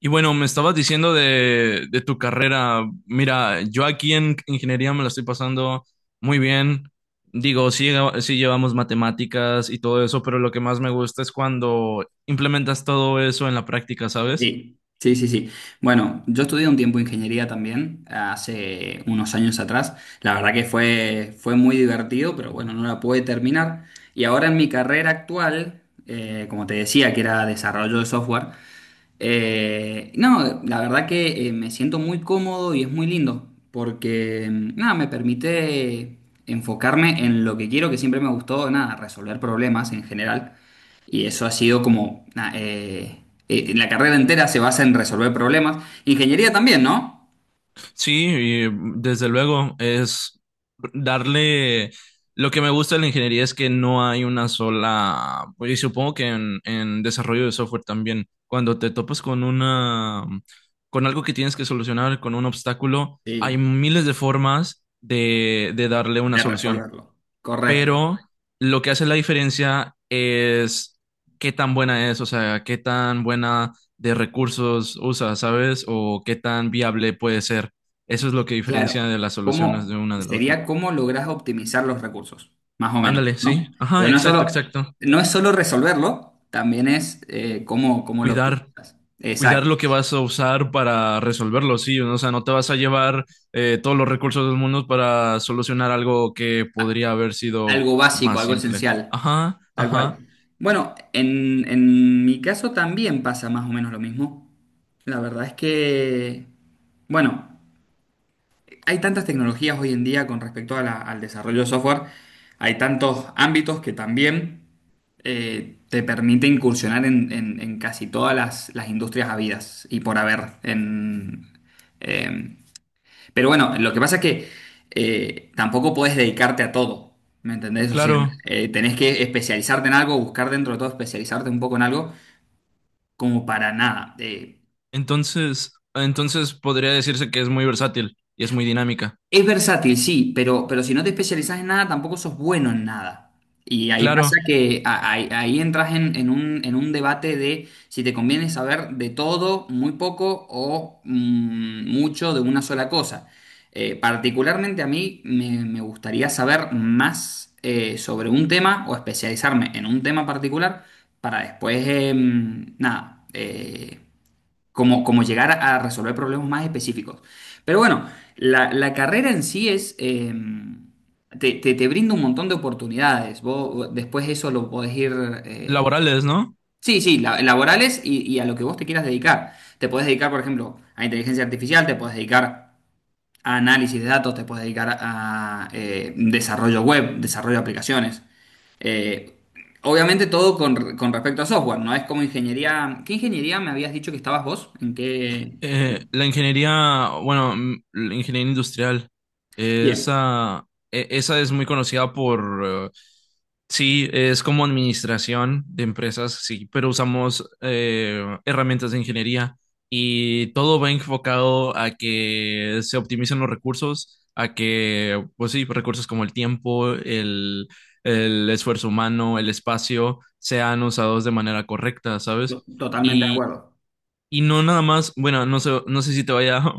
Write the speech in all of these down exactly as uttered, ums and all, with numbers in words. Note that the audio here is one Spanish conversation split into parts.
Y bueno, me estabas diciendo de, de tu carrera. Mira, yo aquí en ingeniería me la estoy pasando muy bien. Digo, sí, llega- sí llevamos matemáticas y todo eso, pero lo que más me gusta es cuando implementas todo eso en la práctica, ¿sabes? Sí, sí, sí, sí. Bueno, yo estudié un tiempo ingeniería también, hace unos años atrás. La verdad que fue, fue muy divertido, pero bueno, no la pude terminar. Y ahora en mi carrera actual, eh, como te decía, que era desarrollo de software, eh, no, la verdad que eh, me siento muy cómodo y es muy lindo, porque mm, nada, me permite enfocarme en lo que quiero, que siempre me gustó, nada, resolver problemas en general. Y eso ha sido como... na- eh, eh, la carrera entera se basa en resolver problemas. Ingeniería también, ¿no? Sí, y desde luego es darle... Lo que me gusta de la ingeniería es que no hay una sola... pues, y supongo que en, en desarrollo de software también, cuando te topas con una... con algo que tienes que solucionar, con un obstáculo, hay Sí, miles de formas de, de darle una de solución, resolverlo. Correcto. pero lo que hace la diferencia es qué tan buena es, o sea, qué tan buena de recursos usa, ¿sabes? O qué tan viable puede ser. Eso es lo que diferencia Claro. de las soluciones de ¿Cómo una de la otra. sería cómo lográs optimizar los recursos? Más o menos, Ándale, sí. ¿no? Ajá, Porque no es exacto, solo, exacto. no es solo resolverlo, también es eh, cómo, cómo lo Cuidar, optimizas. cuidar Exacto. lo que vas a usar para resolverlo, sí. O sea, no te vas a llevar eh, todos los recursos del mundo para solucionar algo que A- podría haber sido Algo básico, más algo simple. esencial. Ajá, Tal cual. ajá, Bueno, en, en mi caso también pasa más o menos lo mismo. La verdad es que, bueno, hay tantas tecnologías hoy en día con respecto a la- al desarrollo de software, hay tantos ámbitos que también eh, te permite incursionar en, en- en casi todas las, las industrias habidas y por haber en, em, pero bueno, lo que pasa es que eh, tampoco puedes dedicarte a todo, ¿me entendés? O sea, claro. eh, tenés que especializarte en algo, buscar dentro de todo especializarte un poco en algo, como para nada. Eh, Entonces, entonces podría decirse que es muy versátil y es muy dinámica. Es versátil, sí, pero, pero si no te especializas en nada, tampoco sos bueno en nada. Y ahí pasa Claro, que a- ahí, ahí entras en, en un, en un debate de si te conviene saber de todo, muy poco o mm, mucho de una sola cosa. Eh, particularmente a mí me, me gustaría saber más eh, sobre un tema o especializarme en un tema particular para después, em, nada, eh, como, como llegar a, a resolver problemas más específicos. Pero bueno, la, la carrera en sí es, eh, te, te, te brinda un montón de oportunidades. Vos vos después eso lo podés ir, eh, laborales, ¿no? sí, sí, la- laborales y, y a lo que vos te quieras dedicar. Te podés dedicar, por ejemplo, a inteligencia artificial, te podés dedicar a análisis de datos, te podés dedicar a eh, desarrollo web, desarrollo de aplicaciones. Eh, Obviamente todo con, con respecto a software, ¿no? Es como ingeniería. ¿Qué ingeniería me habías dicho que estabas vos? ¿En qué? Eh, la ingeniería, bueno, mm, la ingeniería industrial, eh, Bien, esa, e- esa es muy conocida por, eh, sí, es como administración de empresas, sí, pero usamos eh, herramientas de ingeniería y todo va enfocado a que se optimicen los recursos, a que, pues sí, recursos como el tiempo, el, el esfuerzo humano, el espacio, sean usados de manera correcta, to- ¿sabes? totalmente de acuerdo. Y no nada más, bueno, no sé, no sé si te vaya va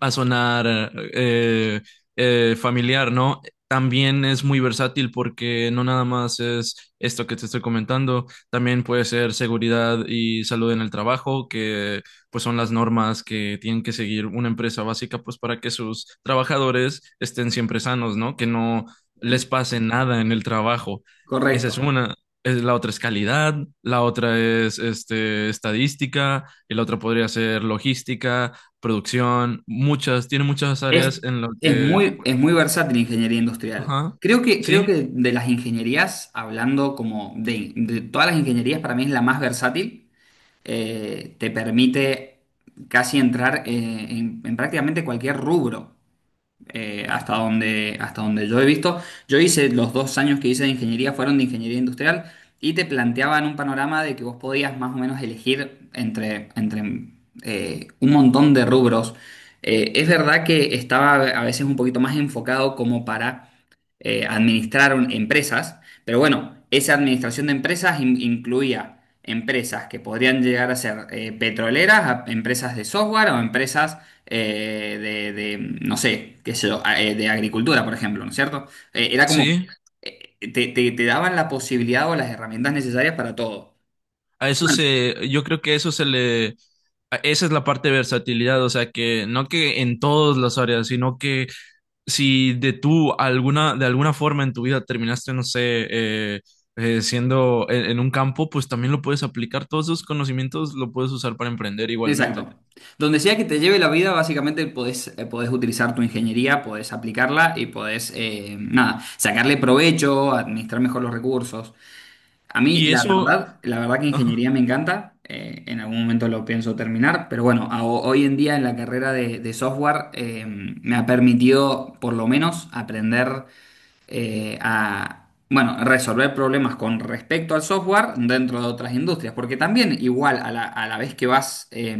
a sonar eh, eh, familiar, ¿no? También es muy versátil porque no nada más es esto que te estoy comentando, también puede ser seguridad y salud en el trabajo, que pues son las normas que tienen que seguir una empresa básica pues para que sus trabajadores estén siempre sanos, ¿no? Que no les pase nada en el trabajo. Esa Correcto. es una. Es, la otra es calidad, la otra es este, estadística, y la otra podría ser logística producción, muchas, tiene muchas Es, áreas en las es que, muy, es muy versátil la ingeniería industrial. ajá, Creo que, creo sí, que de las ingenierías, hablando como de, de todas las ingenierías, para mí es la más versátil. Eh, te permite casi entrar eh, en, en prácticamente cualquier rubro. Eh, hasta donde, hasta donde yo he visto. Yo hice los dos años que hice de ingeniería fueron de ingeniería industrial y te planteaban un panorama de que vos podías más o menos elegir entre, entre eh, un montón de rubros. Eh, es verdad que estaba a veces un poquito más enfocado como para eh, administrar un- empresas, pero bueno, esa administración de empresas in- incluía empresas que podrían llegar a ser eh, petroleras, a- empresas de software o empresas eh, de, de, no sé, qué sé yo, a- eh, de agricultura, por ejemplo, ¿no es cierto? Eh, era como, sí, eh, te, te- te daban la posibilidad o las herramientas necesarias para todo. a eso Bueno, se, yo creo que eso se le, a- esa es la parte de versatilidad, o sea que no que en todas las áreas, sino que si de tú alguna, de alguna forma en tu vida terminaste, no sé, eh, eh, siendo en, en un campo, pues también lo puedes aplicar, todos esos conocimientos lo puedes usar para emprender igualmente. exacto. Donde sea que te lleve la vida, básicamente podés, eh, podés utilizar tu ingeniería, podés aplicarla y podés, eh, nada, sacarle provecho, administrar mejor los recursos. A mí, Y la eso, verdad, la verdad que ingeniería me encanta. Eh, en algún momento lo pienso terminar, pero bueno, a- hoy en día en la carrera de, de software eh, me ha permitido por lo menos aprender eh, a, bueno, resolver problemas con respecto al software dentro de otras industrias, porque también igual a la, a la vez que vas eh,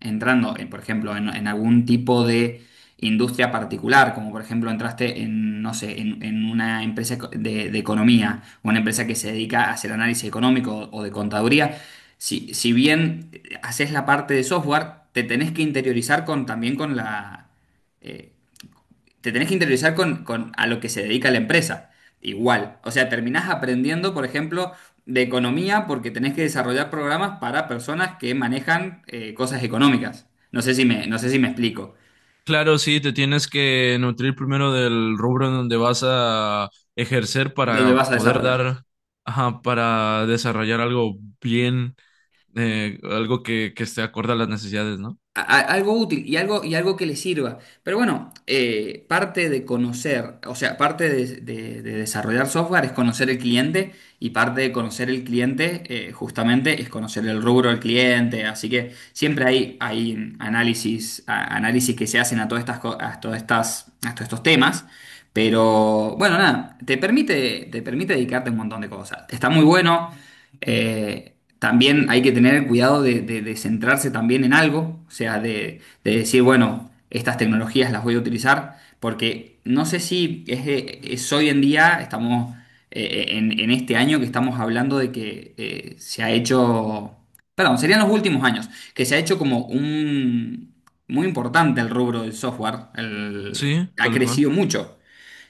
entrando, en, por ejemplo, en, en algún tipo de industria particular, como por ejemplo entraste en, no sé, en, en una empresa eco- de, de economía, una empresa que se dedica a hacer análisis económico o o de contaduría, si, si bien haces la parte de software, te tenés que interiorizar con, también con la... eh, te tenés que interiorizar con, con a lo que se dedica la empresa. Igual. O sea, terminás aprendiendo, por ejemplo, de economía porque tenés que desarrollar programas para personas que manejan eh, cosas económicas. No sé si me, no sé si me explico. claro, sí, te tienes que nutrir primero del rubro en donde vas a ejercer ¿Dónde para vas a poder desarrollar? dar, ajá, para desarrollar algo bien, eh, algo que, que esté acorde a las necesidades, ¿no? A- a- algo útil y algo, y algo que le sirva. Pero bueno, eh, parte de conocer, o sea, parte de, de- de desarrollar software es conocer el cliente y parte de conocer el cliente eh, justamente es conocer el rubro del cliente. Así que siempre hay, hay análisis, a- análisis que se hacen a todas estas, co- a todas estas, a todos estos temas. Pero bueno, nada, te permite, te permite dedicarte a un montón de cosas. Está muy bueno eh, también hay que tener cuidado de, de- de centrarse también en algo, o sea, de, de decir, bueno, estas tecnologías las voy a utilizar, porque no sé si es, eh, es hoy en día, estamos eh, en, en este año que estamos hablando de que eh, se ha hecho, perdón, serían los últimos años, que se ha hecho como un, muy importante el rubro del software, el- Sí, ha tal cual. crecido mucho.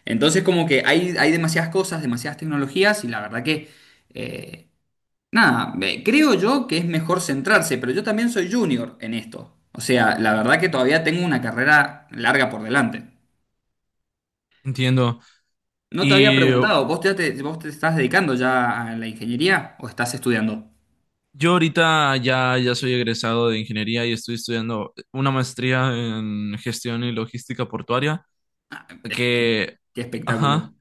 Entonces como que hay, hay demasiadas cosas, demasiadas tecnologías y la verdad que... eh, Nada, eh, creo yo que es mejor centrarse, pero yo también soy junior en esto. O sea, la verdad que todavía tengo una carrera larga por delante. Entiendo. No te había Y preguntado, ¿vos ya te, vos te estás dedicando ya a la ingeniería o estás estudiando? yo ahorita ya, ya soy egresado de ingeniería y estoy estudiando una maestría en gestión y logística portuaria, Es que- que, Qué espectáculo. ajá.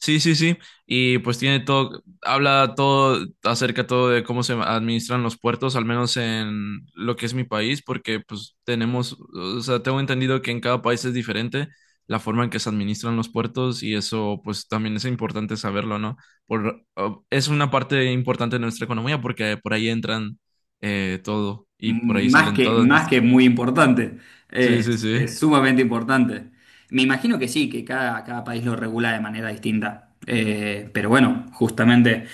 Sí, sí, sí. Y pues tiene todo, habla todo acerca todo de cómo se administran los puertos, al menos en lo que es mi país, porque pues tenemos, o sea, tengo entendido que en cada país es diferente la forma en que se administran los puertos y eso pues también es importante saberlo, ¿no? Por, o- es una parte importante de nuestra economía porque por ahí entran eh, todo y por ahí Más salen que, todas más que nuestras. muy importante, Sí, eh, sí, es, sí. es sumamente importante. Me imagino que sí, que cada, cada país lo regula de manera distinta. Eh, pero bueno, justamente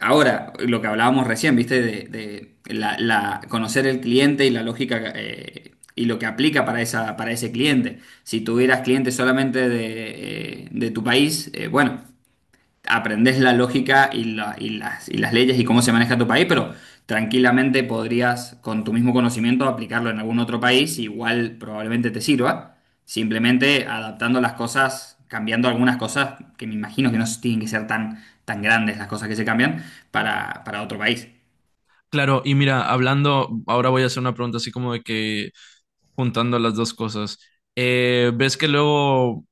ahora, lo que hablábamos recién, ¿viste? De, de la, la- conocer el cliente y la lógica eh, y lo que aplica para esa, para ese cliente. Si tuvieras clientes solamente de, eh, de tu país, eh, bueno aprendes la lógica y, la- y las, y las leyes y cómo se maneja tu país, pero tranquilamente podrías, con tu mismo conocimiento, aplicarlo en algún otro país, igual probablemente te sirva, simplemente adaptando las cosas, cambiando algunas cosas, que me imagino que no tienen que ser tan, tan grandes las cosas que se cambian, para, para otro país. Claro, y mira, hablando, ahora voy a hacer una pregunta así como de que juntando las dos cosas. Eh, ¿ves que luego,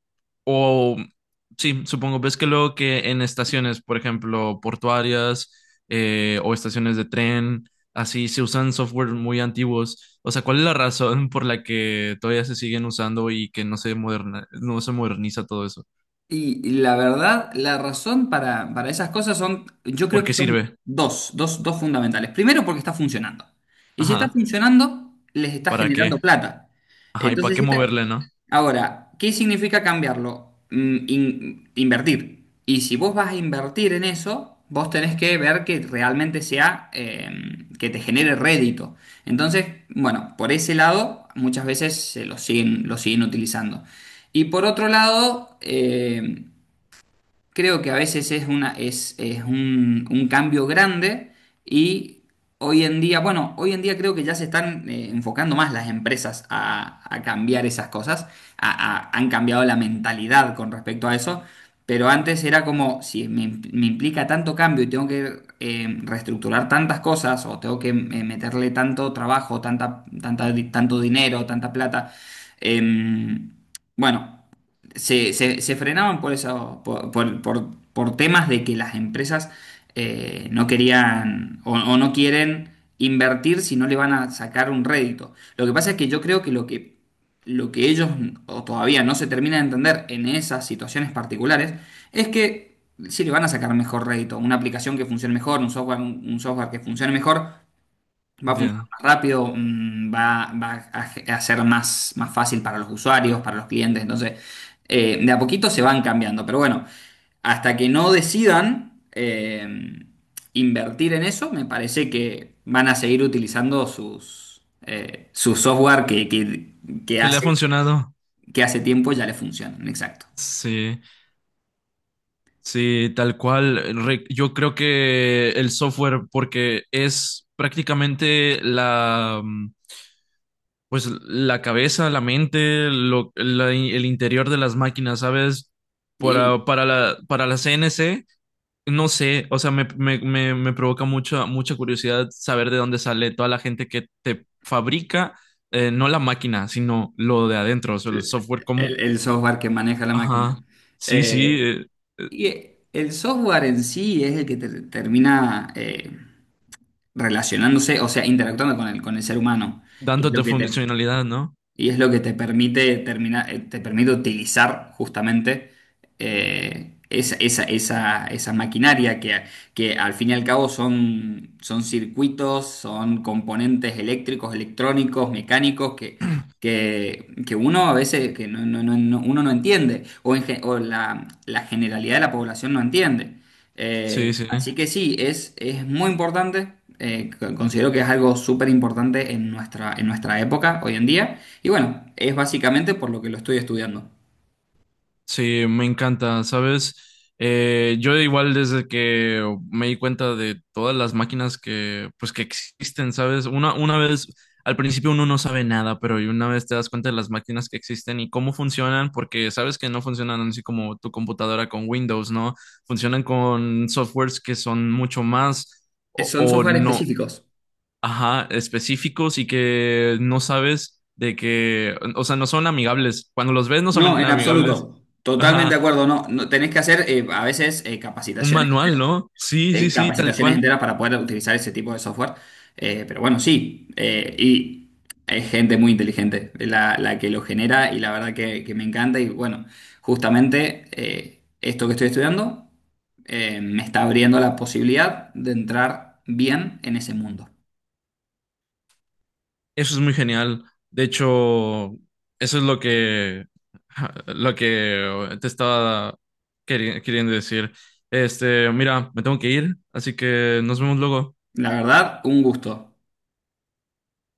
o sí, supongo, ves que luego que en estaciones, por ejemplo, portuarias eh, o estaciones de tren, así se usan software muy antiguos? O sea, ¿cuál es la razón por la que todavía se siguen usando y que no se moderna, no se moderniza todo eso? Y la verdad, la razón para, para esas cosas son, yo creo ¿Por que qué son sirve? dos, dos, dos fundamentales. Primero, porque está funcionando. Y si está Ajá, funcionando, les está ¿para qué? generando plata. Ajá, ¿y para Entonces, qué si está... moverle, no? Ahora, ¿qué significa cambiarlo? Mm, in- invertir. Y si vos vas a invertir en eso, vos tenés que ver que realmente sea, eh, que te genere rédito. Entonces, bueno, por ese lado, muchas veces se lo siguen, lo siguen utilizando. Y por otro lado, eh, creo que a veces es una, es, es un, un cambio grande y hoy en día, bueno, hoy en día creo que ya se están eh, enfocando más las empresas a, a cambiar esas cosas, a- a- han cambiado la mentalidad con respecto a eso, pero antes era como, si me, im- me implica tanto cambio y tengo que eh, reestructurar tantas cosas o tengo que eh, meterle tanto trabajo, tanta, tanta, tanto dinero, tanta plata, em, bueno se, se- se frenaban por eso, por, por- por- por temas de que las empresas eh, no querían o, o no quieren invertir si no le van a sacar un rédito. Lo que pasa es que yo creo que lo que, lo que ellos o todavía no se terminan de entender en esas situaciones particulares es que si le van a sacar mejor rédito, una aplicación que funcione mejor, un software, un un software que funcione mejor, va a funcionar Entiendo. más rápido, mm, va, va a, ge- a ser más, más fácil para los usuarios, para los clientes. Entonces, eh, de a poquito se van cambiando. Pero bueno, hasta que no decidan eh, invertir en eso, me parece que van a seguir utilizando sus, eh, su software que, que- que ¿Qué le ha hace, funcionado? que hace tiempo ya les funciona. Exacto. Sí. Sí, tal cual. Re- yo creo que el software, porque es prácticamente la, mm, pues la cabeza, la mente, lo- la- el interior de las máquinas, ¿sabes? Y Para, para la, para la C N C, no sé, o sea, me, me, me, me provoca mucha, mucha curiosidad saber de dónde sale toda la gente que te fabrica, eh, no la máquina, sino lo de adentro, o sea, el software como, el, el software que maneja la máquina. ajá, sí, sí, Eh, eh, eh, y el software en sí es el que te- termina... eh, relacionándose, o sea, interactuando con el, con el ser humano. Y es lo dándote que te, funcionalidad, ¿no? y es lo que te permite terminar, eh, te permite utilizar justamente eh, esa, esa- esa- esa maquinaria que, que al fin y al cabo son, son circuitos, son componentes eléctricos, electrónicos, mecánicos que, que, que uno a veces que no, no- no- no- uno no entiende o, en ge- o la, la generalidad de la población no entiende. Sí, Eh, sí, así que sí, es, es muy importante. Eh, co- considero que es algo súper importante en nuestra, en nuestra época hoy en día. Y bueno, es básicamente por lo que lo estoy estudiando. sí, me encanta, ¿sabes? Eh, yo igual desde que me di cuenta de todas las máquinas que, pues, que existen, ¿sabes? Una, una vez, al principio uno no sabe nada, pero una vez te das cuenta de las máquinas que existen y cómo funcionan, porque sabes que no funcionan así como tu computadora con Windows, ¿no? Funcionan con softwares que son mucho más Eh, o, Son o software no, específicos. ajá, específicos y que no sabes de que, o sea, no son amigables. Cuando los ves no No, en son claro. amigables. Absoluto. Totalmente de Ajá, acuerdo. No, no tenés que hacer eh, a veces eh, un capacitaciones, manual, enteras- ¿no? Sí, eh, sí, sí, tal capacitaciones cual. enteras para poder utilizar ese tipo de software. Eh, pero bueno, sí. Eh, y es gente muy inteligente la, la que lo genera y la verdad que, que me encanta. Y bueno, justamente eh, esto que estoy estudiando eh, me está abriendo la posibilidad de entrar bien en ese mundo. Eso es muy genial. De hecho, eso es lo que, ja, lo que te estaba queri- queriendo decir. Este, mira, me tengo que ir, así que nos vemos luego. La verdad, un gusto.